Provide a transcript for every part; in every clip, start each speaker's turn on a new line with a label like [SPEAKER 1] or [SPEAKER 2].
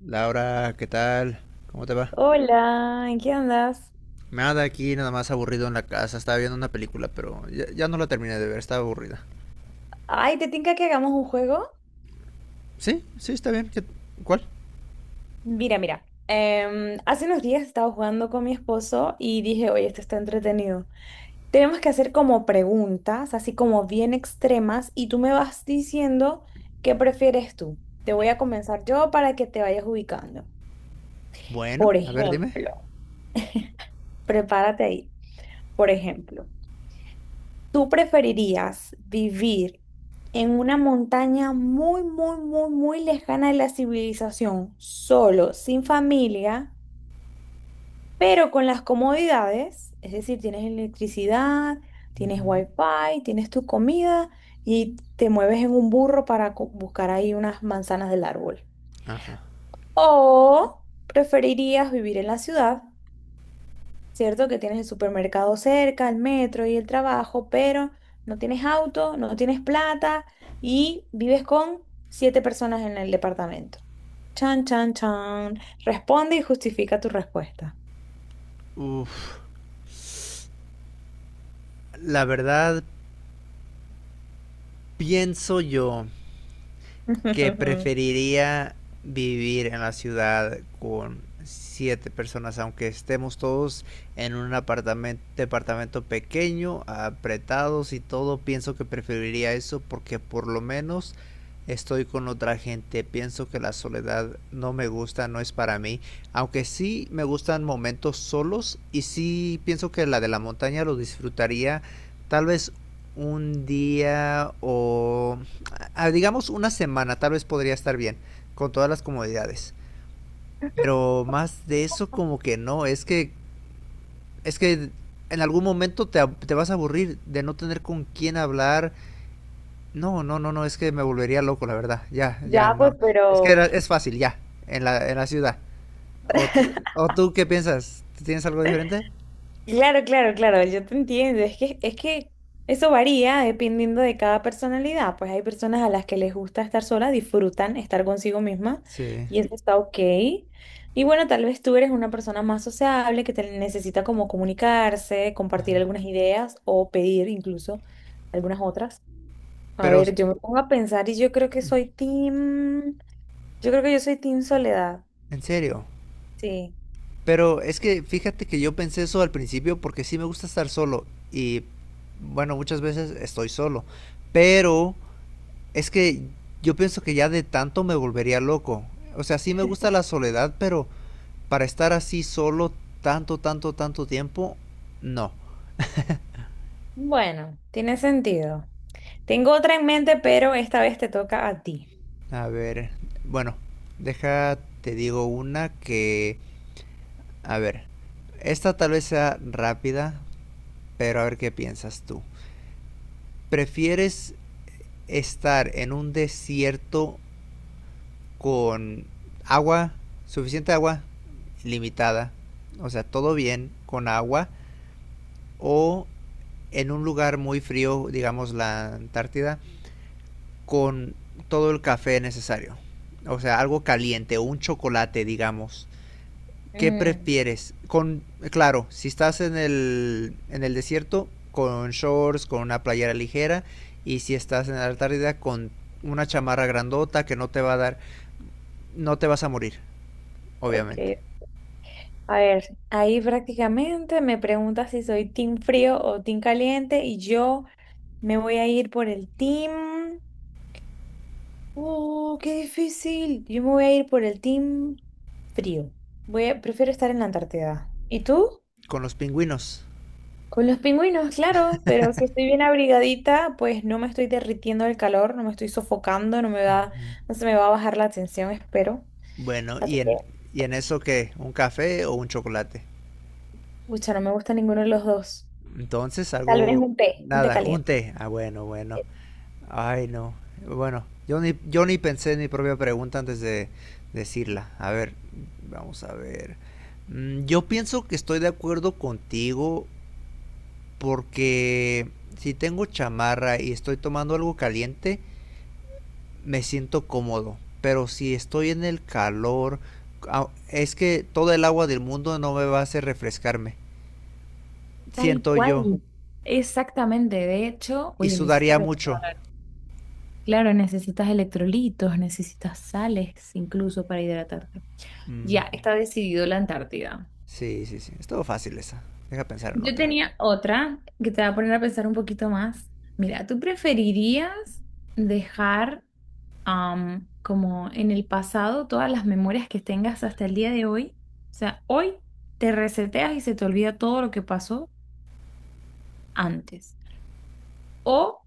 [SPEAKER 1] Laura, ¿qué tal? ¿Cómo te va?
[SPEAKER 2] Hola, ¿en qué andas?
[SPEAKER 1] Nada, aquí nada más aburrido en la casa. Estaba viendo una película, pero ya no la terminé de ver, estaba aburrida.
[SPEAKER 2] Ay, ¿te tinca que hagamos un juego?
[SPEAKER 1] Sí, sí, está bien. ¿Qué- ¿Cuál?
[SPEAKER 2] Mira, mira. Hace unos días estaba jugando con mi esposo y dije, oye, esto está entretenido. Tenemos que hacer como preguntas, así como bien extremas, y tú me vas diciendo qué prefieres tú. Te voy a comenzar yo para que te vayas ubicando.
[SPEAKER 1] Bueno,
[SPEAKER 2] Por
[SPEAKER 1] a ver, dime.
[SPEAKER 2] ejemplo, prepárate ahí. Por ejemplo. ¿Tú preferirías vivir en una montaña muy, muy, muy, muy lejana de la civilización, solo, sin familia, pero con las comodidades? Es decir, tienes electricidad, tienes
[SPEAKER 1] Ujú.
[SPEAKER 2] wifi, tienes tu comida y te mueves en un burro para buscar ahí unas manzanas del árbol.
[SPEAKER 1] Ajá.
[SPEAKER 2] ¿O preferirías vivir en la ciudad? ¿Cierto? Que tienes el supermercado cerca, el metro y el trabajo, pero no tienes auto, no tienes plata y vives con siete personas en el departamento. Chan, chan, chan. Responde y justifica tu respuesta.
[SPEAKER 1] Uf, la verdad, pienso yo que preferiría vivir en la ciudad con 7 personas, aunque estemos todos en un apartamento, departamento pequeño, apretados y todo, pienso que preferiría eso porque por lo menos estoy con otra gente. Pienso que la soledad no me gusta, no es para mí, aunque sí me gustan momentos solos y sí pienso que la de la montaña lo disfrutaría tal vez 1 día o digamos 1 semana, tal vez podría estar bien, con todas las comodidades. Pero más de eso como que no, es que en algún momento te vas a aburrir de no tener con quién hablar. No, no, no, no, es que me volvería loco, la verdad. Ya, ya,
[SPEAKER 2] Ya, pues,
[SPEAKER 1] no. Es que
[SPEAKER 2] pero
[SPEAKER 1] es fácil, ya, en la ciudad. ¿O tú, ¿O tú qué piensas? ¿Tienes algo diferente?
[SPEAKER 2] Claro, claro, claro, yo te entiendo. Es que eso varía dependiendo de cada personalidad. Pues hay personas a las que les gusta estar sola, disfrutan estar consigo misma
[SPEAKER 1] Sí.
[SPEAKER 2] y eso está ok. Y bueno, tal vez tú eres una persona más sociable que te necesita como comunicarse, compartir algunas ideas o pedir incluso algunas otras. A
[SPEAKER 1] Pero,
[SPEAKER 2] ver, yo me pongo a pensar y yo creo que yo soy team soledad.
[SPEAKER 1] ¿en serio?
[SPEAKER 2] Sí.
[SPEAKER 1] Pero es que fíjate que yo pensé eso al principio porque sí me gusta estar solo y bueno, muchas veces estoy solo, pero es que yo pienso que ya de tanto me volvería loco. O sea, sí me gusta la soledad, pero para estar así solo tanto, tanto, tanto tiempo, no.
[SPEAKER 2] Bueno, tiene sentido. Tengo otra en mente, pero esta vez te toca a ti.
[SPEAKER 1] A ver, bueno, deja, te digo una que, a ver, esta tal vez sea rápida, pero a ver qué piensas tú. ¿Prefieres estar en un desierto con agua, suficiente agua, limitada, o sea, todo bien con agua, o en un lugar muy frío, digamos la Antártida, con todo el café necesario, o sea, algo caliente, o un chocolate, digamos? ¿Qué
[SPEAKER 2] Mm,
[SPEAKER 1] prefieres? Con, claro, si estás en en el desierto, con shorts, con una playera ligera, y si estás en la Antártida, con una chamarra grandota que no te va a dar no te vas a morir,
[SPEAKER 2] ok,
[SPEAKER 1] obviamente.
[SPEAKER 2] a ver, ahí prácticamente me preguntas si soy team frío o team caliente y yo me voy a ir por el team... ¡Oh, qué difícil! Yo me voy a ir por el team frío. Prefiero estar en la Antártida. ¿Y tú?
[SPEAKER 1] Con los pingüinos.
[SPEAKER 2] Con los pingüinos, claro, pero si estoy bien abrigadita, pues no me estoy derritiendo del calor, no me estoy sofocando, no me va, no
[SPEAKER 1] Uh-huh.
[SPEAKER 2] se me va a bajar la tensión, espero.
[SPEAKER 1] Bueno,
[SPEAKER 2] Así que
[SPEAKER 1] y en eso qué, un café o un chocolate.
[SPEAKER 2] pucha, no me gusta ninguno de los dos.
[SPEAKER 1] Entonces
[SPEAKER 2] Tal vez
[SPEAKER 1] algo,
[SPEAKER 2] un té
[SPEAKER 1] nada, un
[SPEAKER 2] caliente.
[SPEAKER 1] té. Ah, bueno, bueno. Ay, no. Bueno, yo ni pensé en mi propia pregunta antes de decirla. A ver, vamos a ver. Mm, yo pienso que estoy de acuerdo contigo porque si tengo chamarra y estoy tomando algo caliente, me siento cómodo. Pero si estoy en el calor, ah, es que todo el agua del mundo no me va a hacer refrescarme.
[SPEAKER 2] Tal
[SPEAKER 1] Siento yo.
[SPEAKER 2] cual. Exactamente. De hecho,
[SPEAKER 1] Y
[SPEAKER 2] oye, me hiciste
[SPEAKER 1] sudaría mucho.
[SPEAKER 2] recordar. Claro, necesitas electrolitos, necesitas sales incluso para hidratarte.
[SPEAKER 1] Mm,
[SPEAKER 2] Ya, está decidido la Antártida.
[SPEAKER 1] sí, sí, sí. Estuvo fácil esa. Deja pensar en
[SPEAKER 2] Yo
[SPEAKER 1] otra.
[SPEAKER 2] tenía otra que te va a poner a pensar un poquito más. Mira, ¿tú preferirías dejar como en el pasado todas las memorias que tengas hasta el día de hoy? O sea, hoy te reseteas y se te olvida todo lo que pasó antes. ¿O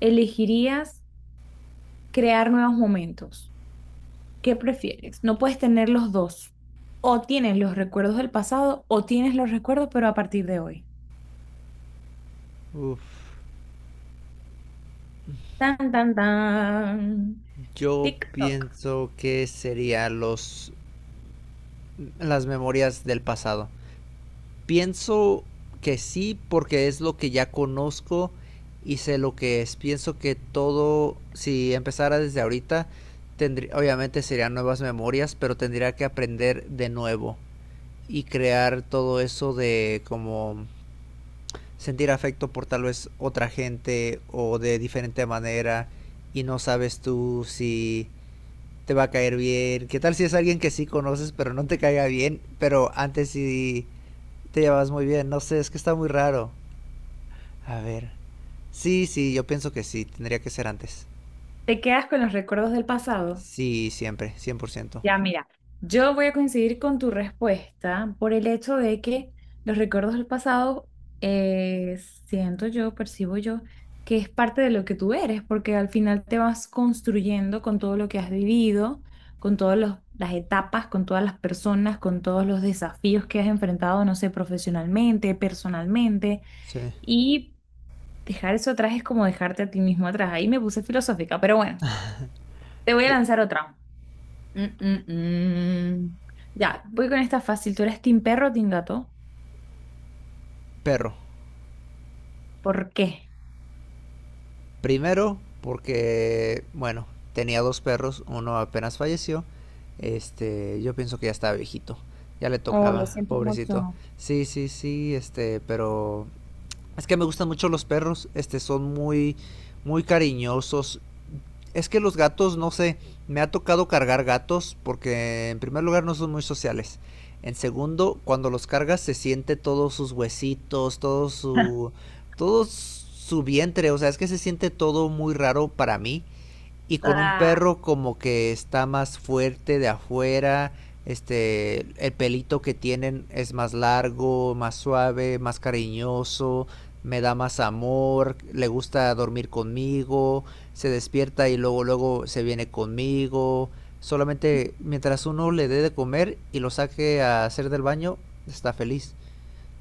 [SPEAKER 2] elegirías crear nuevos momentos? ¿Qué prefieres? No puedes tener los dos. O tienes los recuerdos del pasado o tienes los recuerdos pero a partir de hoy.
[SPEAKER 1] Uf,
[SPEAKER 2] Tan, tan, tan.
[SPEAKER 1] yo
[SPEAKER 2] TikTok.
[SPEAKER 1] pienso que serían los las memorias del pasado. Pienso que sí, porque es lo que ya conozco y sé lo que es. Pienso que todo, si empezara desde ahorita, tendría, obviamente serían nuevas memorias, pero tendría que aprender de nuevo y crear todo eso de como sentir afecto por tal vez otra gente o de diferente manera y no sabes tú si te va a caer bien. ¿Qué tal si es alguien que sí conoces pero no te caiga bien, pero antes sí te llevas muy bien? No sé, es que está muy raro. A ver. Sí, sí, yo pienso que sí, tendría que ser antes.
[SPEAKER 2] ¿Te quedas con los recuerdos del pasado?
[SPEAKER 1] Sí, siempre, 100%.
[SPEAKER 2] Ya, mira, yo voy a coincidir con tu respuesta por el hecho de que los recuerdos del pasado, eh, siento yo, percibo yo, que es parte de lo que tú eres, porque al final te vas construyendo con todo lo que has vivido, con las etapas, con todas las personas, con todos los desafíos que has enfrentado, no sé, profesionalmente, personalmente,
[SPEAKER 1] Sí.
[SPEAKER 2] y dejar eso atrás es como dejarte a ti mismo atrás. Ahí me puse filosófica, pero bueno, te voy a
[SPEAKER 1] Y-
[SPEAKER 2] lanzar otra. Mm, mm, mm. Ya, voy con esta fácil. ¿Tú eres team perro o team gato?
[SPEAKER 1] Perro.
[SPEAKER 2] ¿Por qué?
[SPEAKER 1] Primero, porque, bueno, tenía 2 perros, uno apenas falleció. Este, yo pienso que ya estaba viejito. Ya le
[SPEAKER 2] Oh, lo
[SPEAKER 1] tocaba,
[SPEAKER 2] siento
[SPEAKER 1] pobrecito.
[SPEAKER 2] mucho.
[SPEAKER 1] Sí, sí, sí, este, pero es que me gustan mucho los perros, este, son muy, muy cariñosos. Es que los gatos, no sé, me ha tocado cargar gatos porque en primer lugar no son muy sociales. En segundo, cuando los cargas se siente todos sus huesitos, todo su vientre, o sea, es que se siente todo muy raro para mí y con un
[SPEAKER 2] Ah,
[SPEAKER 1] perro como que está más fuerte de afuera, este, el pelito que tienen es más largo, más suave, más cariñoso, me da más amor, le gusta dormir conmigo, se despierta y luego luego se viene conmigo. Solamente mientras uno le dé de comer y lo saque a hacer del baño, está feliz.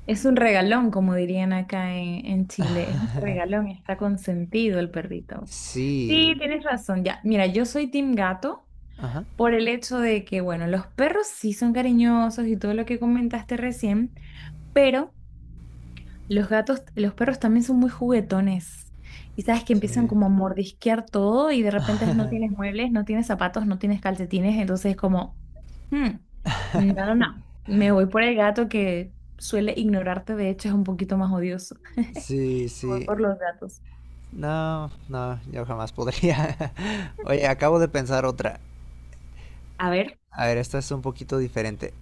[SPEAKER 2] es un regalón, como dirían acá en Chile. Es un regalón, está consentido el perrito.
[SPEAKER 1] Sí.
[SPEAKER 2] Sí, tienes razón. Ya, mira, yo soy team gato
[SPEAKER 1] Ajá.
[SPEAKER 2] por el hecho de que, bueno, los perros sí son cariñosos y todo lo que comentaste recién, pero los perros también son muy juguetones. Y sabes que empiezan
[SPEAKER 1] Sí.
[SPEAKER 2] como a mordisquear todo y de repente no tienes muebles, no tienes zapatos, no tienes calcetines, entonces es como, "Hmm, no, no, no, me voy por el gato que suele ignorarte, de hecho es un poquito más odioso".
[SPEAKER 1] Sí,
[SPEAKER 2] Me voy
[SPEAKER 1] sí.
[SPEAKER 2] por los gatos.
[SPEAKER 1] No, no, yo jamás podría. Oye, acabo de pensar otra.
[SPEAKER 2] A ver,
[SPEAKER 1] A ver, esta es un poquito diferente.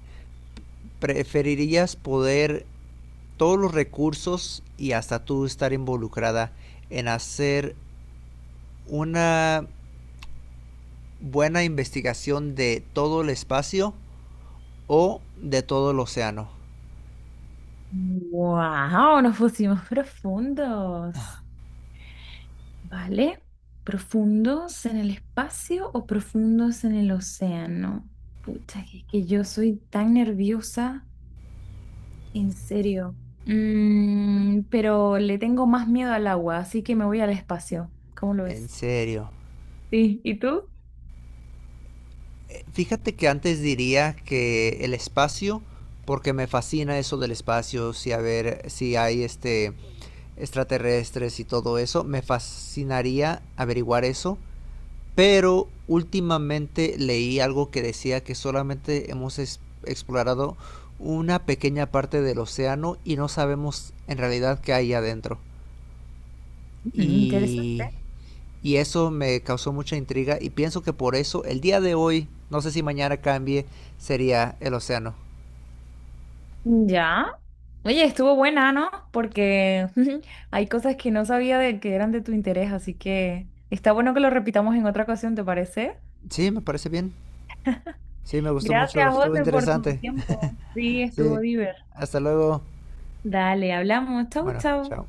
[SPEAKER 1] ¿Preferirías poder todos los recursos y hasta tú estar involucrada en hacer una buena investigación de todo el espacio o de todo el océano?
[SPEAKER 2] wow, nos pusimos profundos, ¿vale? ¿Profundos en el espacio o profundos en el océano? Pucha, que yo soy tan nerviosa. En serio. Pero le tengo más miedo al agua, así que me voy al espacio. ¿Cómo lo
[SPEAKER 1] ¿En
[SPEAKER 2] ves?
[SPEAKER 1] serio?
[SPEAKER 2] Sí, ¿y tú?
[SPEAKER 1] Fíjate que antes diría que el espacio, porque me fascina eso del espacio, si a ver, si hay este extraterrestres y todo eso. Me fascinaría averiguar eso. Pero últimamente leí algo que decía que solamente hemos explorado una pequeña parte del océano y no sabemos en realidad qué hay adentro.
[SPEAKER 2] Mm,
[SPEAKER 1] Y,
[SPEAKER 2] interesante.
[SPEAKER 1] y eso me causó mucha intriga y pienso que por eso el día de hoy, no sé si mañana cambie, sería el océano.
[SPEAKER 2] Ya. Oye, estuvo buena, ¿no? Porque hay cosas que no sabía de que eran de tu interés, así que está bueno que lo repitamos en otra ocasión, ¿te parece?
[SPEAKER 1] Sí, me parece bien. Sí, me gustó mucho,
[SPEAKER 2] Gracias,
[SPEAKER 1] estuvo
[SPEAKER 2] José, por tu
[SPEAKER 1] interesante.
[SPEAKER 2] tiempo. Sí, estuvo
[SPEAKER 1] Sí,
[SPEAKER 2] divertido.
[SPEAKER 1] hasta luego.
[SPEAKER 2] Dale, hablamos. Chau,
[SPEAKER 1] Bueno,
[SPEAKER 2] chau.
[SPEAKER 1] chao.